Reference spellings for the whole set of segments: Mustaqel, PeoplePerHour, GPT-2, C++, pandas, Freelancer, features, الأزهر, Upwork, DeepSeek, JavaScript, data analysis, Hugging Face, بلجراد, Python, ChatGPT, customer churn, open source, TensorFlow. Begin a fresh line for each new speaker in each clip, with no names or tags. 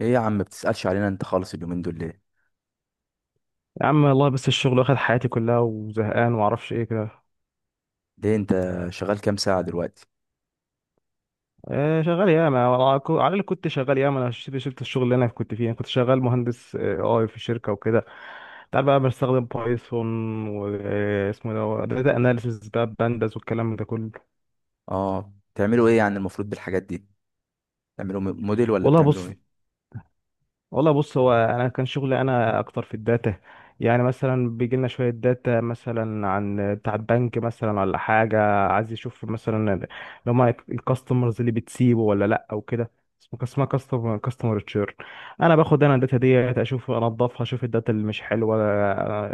ايه يا عم بتسألش علينا انت خالص اليومين دول ليه؟
يا عم، والله بس الشغل واخد حياتي كلها وزهقان ومعرفش ايه كده.
ليه انت شغال كام ساعة دلوقتي؟
آه، شغال ياما، على اللي كنت شغال ياما. انا شفت الشغل اللي انا كنت فيه. انا كنت شغال مهندس اي في شركه وكده. تعال بقى بستخدم بايثون. واسمه ده داتا اناليسيس بقى بانداس والكلام ده كله.
اه، بتعملوا ايه يعني المفروض بالحاجات دي؟ بتعملوا موديل ولا
والله
بتعملوا
بص
ايه؟
والله بص. هو انا كان شغلي انا اكتر في الداتا. يعني مثلا بيجي لنا شويه داتا مثلا عن بتاع البنك مثلا ولا حاجه. عايز يشوف مثلا لو ما الكاستمرز اللي بتسيبه ولا لا او كده. اسمها كاستمر تشيرن. انا باخد الداتا ديت، اشوف انضفها، اشوف الداتا اللي مش حلوه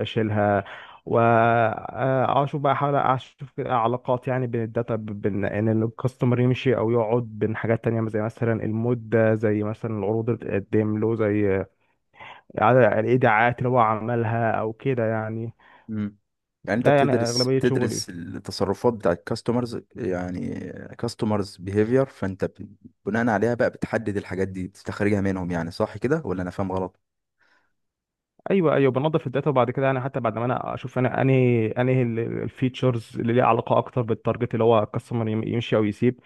اشيلها. واشوف بقى، احاول اشوف كده علاقات، يعني بين الداتا، بين ان الكاستمر يمشي او يقعد، بين حاجات تانية زي مثلا المود ده، زي مثلا العروض اللي بتقدم له، زي عدد الايداعات اللي هو عملها او كده يعني.
مم. يعني انت
ده يعني
بتدرس
اغلبية شغلي.
بتدرس التصرفات بتاع الكاستمرز يعني. كاستمرز بيهيفير، فانت بناء عليها بقى بتحدد الحاجات دي بتستخرجها منهم، يعني صح كده ولا انا فاهم غلط؟
ايوه، ايوه، بنظف الداتا وبعد كده، يعني حتى بعد ما انا اشوف انا انهي الفيتشرز اللي ليها علاقه اكتر بالتارجت اللي هو الكاستمر يمشي او يسيب.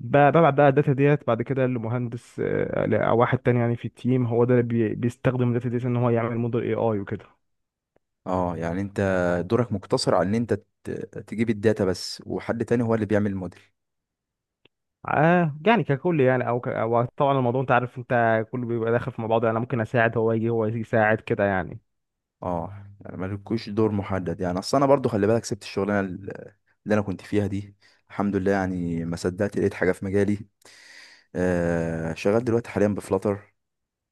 ببعت بقى الداتا ديت بعد كده لمهندس، او واحد تاني يعني في التيم، هو ده اللي بيستخدم الداتا ديت ان هو يعمل موديل اي اي وكده.
اه يعني انت دورك مقتصر على ان انت ت- تجيب الداتا بس، وحد تاني هو اللي بيعمل الموديل.
آه يعني ككل يعني، او أو طبعا الموضوع انت عارف انت كله بيبقى داخل في مع بعضه يعني. انا ممكن اساعد، هو يجي يساعد كده يعني.
اه يعني مالكوش دور محدد. يعني اصل انا برضو، خلي بالك، سبت الشغلانه اللي انا كنت فيها دي. الحمد لله، يعني ما صدقت لقيت حاجه في مجالي. آه، شغال دلوقتي حاليا بفلاتر.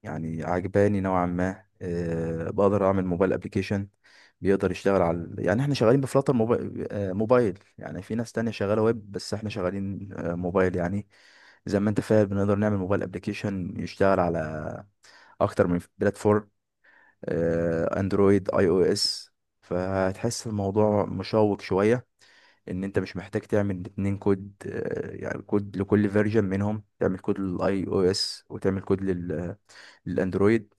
يعني عجباني نوعا ما. بقدر اعمل موبايل ابلكيشن بيقدر يشتغل على، يعني احنا شغالين بفلاتر موبايل، موبايل، يعني في ناس تانية شغاله ويب بس احنا شغالين موبايل يعني. زي ما انت فاهم، بنقدر نعمل موبايل ابلكيشن يشتغل على اكتر من بلاتفورم، اندرويد، اي او اس. فهتحس الموضوع مشوق شوية، ان انت مش محتاج تعمل اتنين كود، يعني كود لكل فيرجن منهم، تعمل كود للاي او اس وتعمل كود للاندرويد.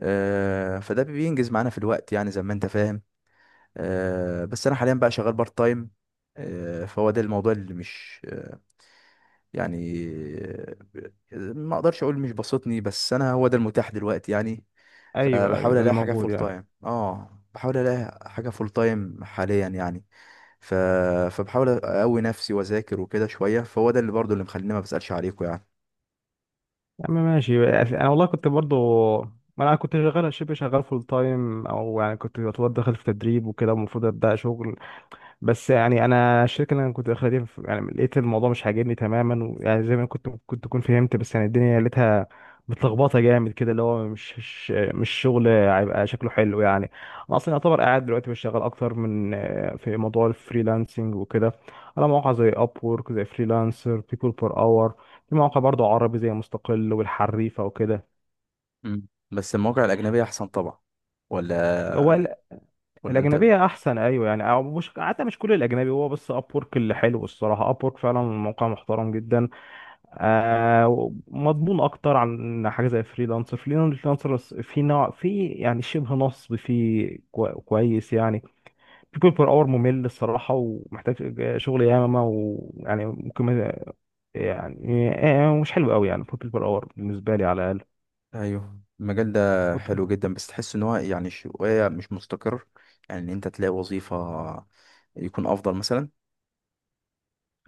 فده بينجز معانا في الوقت يعني زي ما انت فاهم. بس انا حاليا بقى شغال بارت تايم. فهو ده الموضوع اللي مش يعني، ما اقدرش اقول مش بسطني، بس انا هو ده المتاح دلوقتي يعني.
ايوه، ايوه،
فبحاول
ده اللي
الاقي حاجه
موجود
فول
يعني.
تايم اه بحاول الاقي حاجه فول تايم حاليا يعني. ف... فبحاول اقوي نفسي واذاكر وكده شويه، فهو ده اللي برضو اللي مخليني ما بسالش عليكم يعني.
يا عم، ماشي. انا والله كنت برضو، ما انا كنت شغال شبه شغال فول تايم، او يعني كنت يعتبر داخل في تدريب وكده المفروض ابدا شغل. بس يعني انا الشركه اللي انا كنت داخلها دي، يعني لقيت الموضوع مش عاجبني تماما، ويعني زي ما كنت تكون فهمت، بس يعني الدنيا لقيتها متلخبطه جامد كده، اللي هو مش شغل هيبقى شكله حلو يعني. انا اصلا يعتبر قاعد دلوقتي بشتغل اكتر من في موضوع الفريلانسنج وكده، على مواقع زي اب وورك، زي فريلانسر، بيبول بير اور. في مواقع برضو عربي زي مستقل والحريفه وكده.
مم. بس المواقع الاجنبيه احسن طبعا،
هو
ولا؟ ولا انت؟
الاجنبيه احسن، ايوه يعني. أو مش، حتى مش كل الاجنبي، هو بس اب وورك اللي حلو الصراحه. اب وورك فعلا موقع محترم جدا. آه مضمون اكتر عن حاجه زي فريلانسر. فريلانسر في نوع، في يعني شبه نصب، في كويس يعني. بيكون بير اور ممل الصراحه، ومحتاج شغل ياما، ويعني ممكن يعني مش حلو قوي يعني، بيكون بير اور بالنسبه لي على الاقل.
ايوه، المجال ده
وط-
حلو جدا بس تحس ان هو يعني شويه مش مستقر. يعني ان انت تلاقي وظيفه يكون افضل مثلا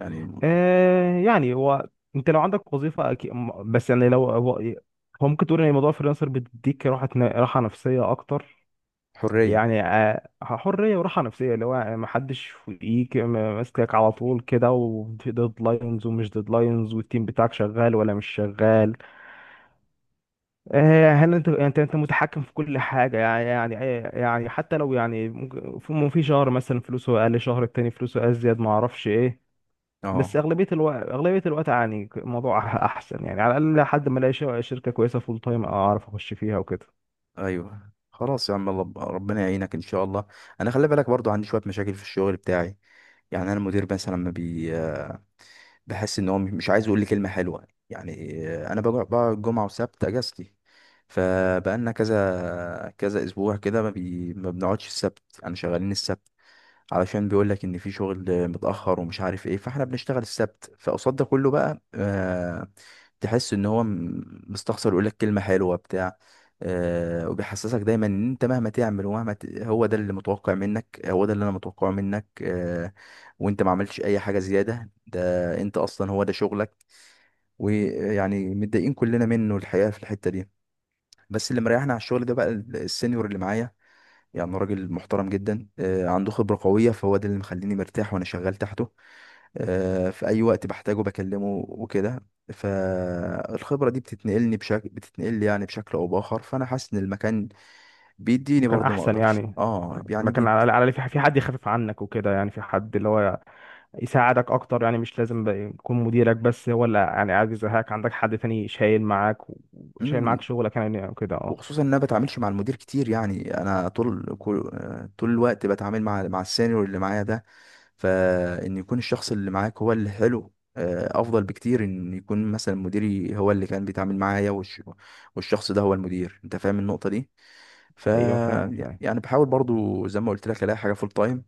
يعني.
آه يعني هو، انت لو عندك وظيفه أكيد. بس يعني لو هو ممكن تقول ان موضوع فريلانسر بيديك راحه نفسيه اكتر.
حرية.
يعني حريه وراحه نفسيه، اللي هو ما حدش فوقيك ماسكك على طول كده، وديدلاينز ومش ديدلاينز، والتيم بتاعك شغال ولا مش شغال. هل انت متحكم في كل حاجه يعني حتى لو يعني في شهر مثلا فلوسه اقل، شهر التاني فلوسه ازيد، ما اعرفش ايه. بس
اه،
اغلبيه الوقت يعني الموضوع احسن يعني، على الاقل لحد ما الاقي شركه كويسه فول تايم اعرف اخش فيها وكده.
ايوه خلاص يا عم، ربنا يعينك ان شاء الله. انا خلي بالك برضو عندي شوية مشاكل في الشغل بتاعي. يعني انا المدير مثلا، لما بحس ان هو مش عايز يقول لي كلمة حلوة يعني. انا بقعد جمعة وسبت اجازتي. فبقالنا كذا كذا اسبوع كده، ما بنقعدش السبت، انا شغالين السبت. علشان بيقول لك ان في شغل متاخر ومش عارف ايه، فاحنا بنشتغل السبت. فقصاد ده كله بقى تحس ان هو مستخسر يقول لك كلمه حلوه بتاع. وبيحسسك دايما ان انت مهما تعمل هو ده اللي متوقع منك، هو ده اللي انا متوقعه منك، وانت ما عملتش اي حاجه زياده، ده انت اصلا هو ده شغلك. ويعني متضايقين كلنا منه الحقيقه في الحته دي. بس اللي مريحنا على الشغل ده بقى السينيور اللي معايا، يعني راجل محترم جدا، عنده خبرة قوية، فهو ده اللي مخليني مرتاح وأنا شغال تحته. في أي وقت بحتاجه بكلمه وكده. فالخبرة دي بتتنقل يعني بشكل أو بآخر، فأنا حاسس إن المكان بيديني
وكان
برضه، ما
احسن
أقدرش
يعني،
يعني
لكن على على في حد يخفف عنك وكده، يعني في حد اللي هو يساعدك اكتر، يعني مش لازم بقى يكون مديرك، بس هو اللي يعني قاعد يزهقك، عندك حد تاني شايل معاك شايل
مم.
معاك شغلك يعني كده اه.
وخصوصا إن أنا بتعاملش مع المدير كتير، يعني أنا طول كل... آه، طول الوقت بتعامل مع السينيور اللي معايا ده. فان يكون الشخص اللي معاك هو اللي حلو، افضل بكتير ان يكون مثلا مديري هو اللي كان بيتعامل معايا والشخص ده هو المدير، انت فاهم النقطة دي؟ ف
ايوه، فاهم فاهم.
يعني بحاول برضو زي ما قلت لك الاقي حاجة فول تايم،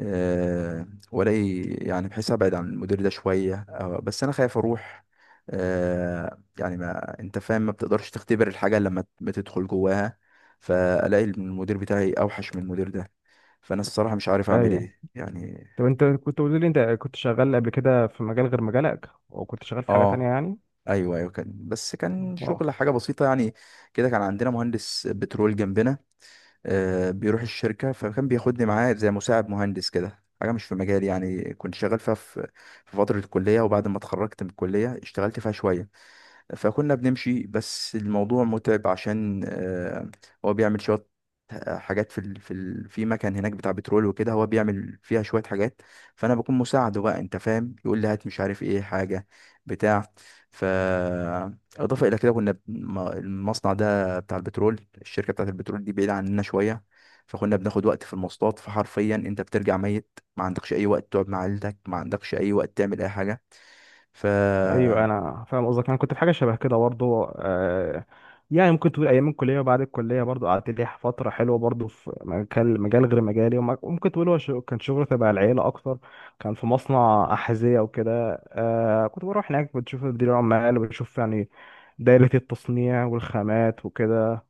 والاقي يعني بحيث ابعد عن المدير ده شوية، بس انا خايف اروح. يعني ما انت فاهم، ما بتقدرش تختبر الحاجة لما بتدخل جواها. فالاقي المدير بتاعي اوحش من المدير ده. فانا الصراحة مش عارف اعمل
ايوه،
ايه يعني.
طب انت كنت قلت لي انت كنت شغال قبل كده في مجال غير مجالك، وكنت شغال في حاجة تانية
اه،
يعني.
ايوه ايوه، كان بس كان
اه.
شغل حاجه بسيطه يعني. كده كان عندنا مهندس بترول جنبنا، بيروح الشركه فكان بياخدني معاه زي مساعد مهندس، كده حاجه مش في مجالي يعني، كنت شغال فيها في فتره الكليه، وبعد ما اتخرجت من الكليه اشتغلت فيها شويه. فكنا بنمشي بس الموضوع متعب عشان، هو بيعمل شوية حاجات في مكان هناك بتاع بترول وكده، هو بيعمل فيها شوية حاجات. فأنا بكون مساعده بقى، أنت فاهم، يقول لي هات مش عارف إيه حاجة بتاع. ف إضافة إلى كده، المصنع ده بتاع البترول، الشركة بتاعة البترول دي بعيدة عننا شوية. فكنا بناخد وقت في المواصلات، فحرفيا أنت بترجع ميت، ما عندكش أي وقت تقعد مع عيلتك، ما عندكش أي وقت تعمل أي حاجة. ف
ايوه، انا فاهم قصدك. انا كنت في حاجه شبه كده برضه آه. يعني ممكن تقول ايام الكليه وبعد الكليه برضه قعدت لي فتره حلوه برضه في مجال غير مجالي، وممكن تقول هو كان شغل تبع العيله اكتر. كان في مصنع احذيه وكده. كنت بروح هناك، بتشوف مدير العمال وبشوف يعني دايره التصنيع والخامات وكده.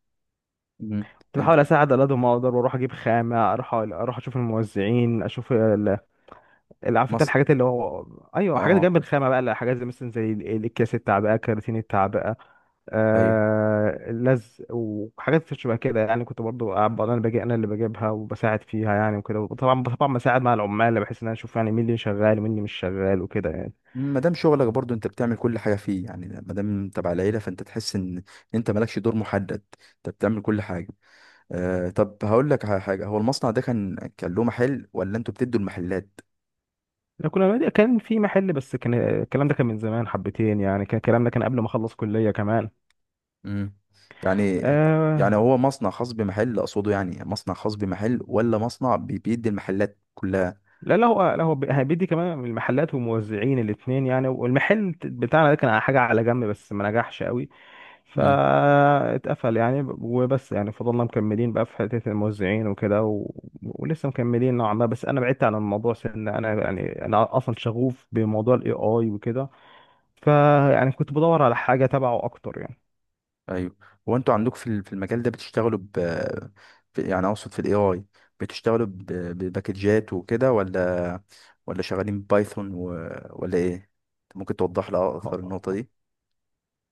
مم.
كنت
أنت
بحاول اساعد على قد ما اقدر، واروح اجيب خامه، اروح اشوف الموزعين، اشوف اللي عارف انت
مصر.
الحاجات اللي هو. ايوه حاجات جنب
اه
الخامه بقى، لا، حاجات زي مثلا الاكياس التعبئه، كراتين التعبئه،
ايوه،
آه اللزق وحاجات شبه كده يعني. كنت برضو انا اللي باجي، انا اللي بجيبها وبساعد فيها يعني وكده. طبعا طبعا بساعد مع العمال، بحيث ان انا اشوف يعني مين اللي شغال ومين اللي مش شغال وكده يعني.
ما دام شغلك برضو انت بتعمل كل حاجه فيه يعني، ما دام انت تبع العيله، فانت تحس ان انت مالكش دور محدد، انت بتعمل كل حاجه. طب هقول لك على حاجه، هو المصنع ده كان له محل ولا انتوا بتدوا المحلات؟
احنا كان في محل، بس كان الكلام ده كان من زمان حبتين يعني، كان الكلام ده كان قبل ما اخلص كليه كمان.
امم. يعني، يعني
آه،
هو مصنع خاص بمحل اقصده، يعني مصنع خاص بمحل، ولا مصنع بيدي المحلات كلها؟
لا، لا، لا هو بيدي كمان المحلات والموزعين الاثنين يعني. والمحل بتاعنا ده كان على حاجة على جنب بس ما نجحش قوي. فاتقفل يعني، وبس، يعني فضلنا مكملين بقى في حتة الموزعين وكده ولسه مكملين نوعا ما، بس انا بعدت عن الموضوع انا يعني، انا اصلا شغوف بموضوع الاي اي وكده، فيعني كنت بدور على حاجة تبعه اكتر.
ايوه، هو انتوا عندك في المجال ده بتشتغلوا يعني اقصد في الاي اي، بتشتغلوا بباكجات وكده، ولا ولا شغالين بايثون ولا ايه؟ ممكن توضح لي اكتر
يعني
النقطة دي.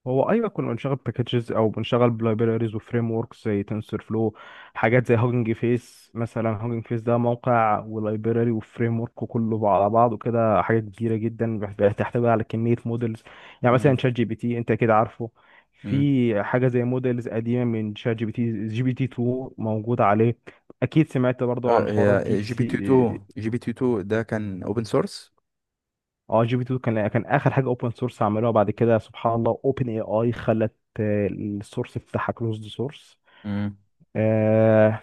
هو، ايوه، كنا بنشغل باكجز او بنشغل بلايبريز وفريم وركس زي تنسور فلو، حاجات زي هوجنج فيس مثلا. هوجنج فيس ده موقع ولايبراري وفريم ورك وكله على بعضه كده، حاجه كبيره جدا بتحتوي على كميه مودلز. يعني مثلا
مم.
شات جي بي تي انت كده عارفه.
مم.
في حاجه زي مودلز قديمه من شات جي بي تي، جي بي تي 2 موجوده عليه. اكيد سمعت برضو عن
اه،
حوار
هي
الديب
جي بي تي 2،
سي.
جي بي تي 2 ده كان اوبن سورس.
اه، جي بي 2 كان اخر حاجه اوبن سورس عملوها. بعد كده سبحان الله اوبن اي اي خلت السورس بتاعها كلوزد سورس.
مم.
آه.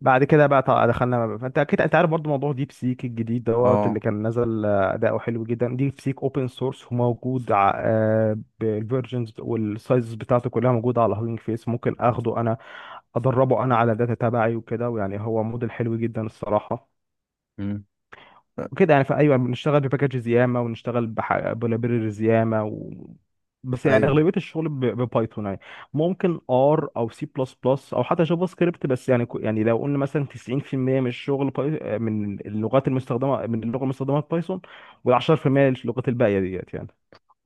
بعد كده بقى طبعا دخلنا. فانت اكيد انت عارف برضو موضوع ديب سيك الجديد دوت اللي
اه.
كان نزل، اداؤه حلو جدا. ديب سيك اوبن سورس وموجود بالفيرجنز والسايزز بتاعته كلها موجوده على هاجينج فيس. ممكن اخده انا ادربه انا على الداتا تبعي وكده، ويعني هو موديل حلو جدا الصراحه.
مم. آه،
وكده يعني، فايوه بنشتغل بباكجز ياما ونشتغل بلايبريز ياما بس يعني
ايوه.
اغلبيه الشغل ببايثون يعني. ممكن ار او سي بلس بلس او حتى جافا سكريبت، بس يعني يعني لو قلنا مثلا 90% من الشغل من اللغه المستخدمه في بايثون، وال10% اللغات الباقيه ديت يعني.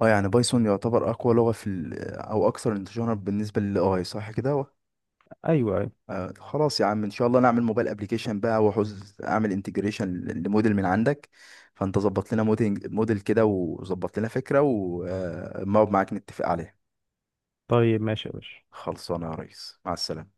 اه يعني بايثون يعتبر اقوى لغة او اكثر انتشارا بالنسبة للاي، صح كده؟
ايوه، أيوة.
خلاص يا عم، ان شاء الله نعمل موبايل ابلكيشن بقى واحوز اعمل انتجريشن لموديل من عندك. فانت ظبط لنا موديل كده، وظبط لنا فكرة، ونقعد معاك نتفق عليها.
طيب ماشي يا باشا.
خلصانه يا ريس، مع السلامة.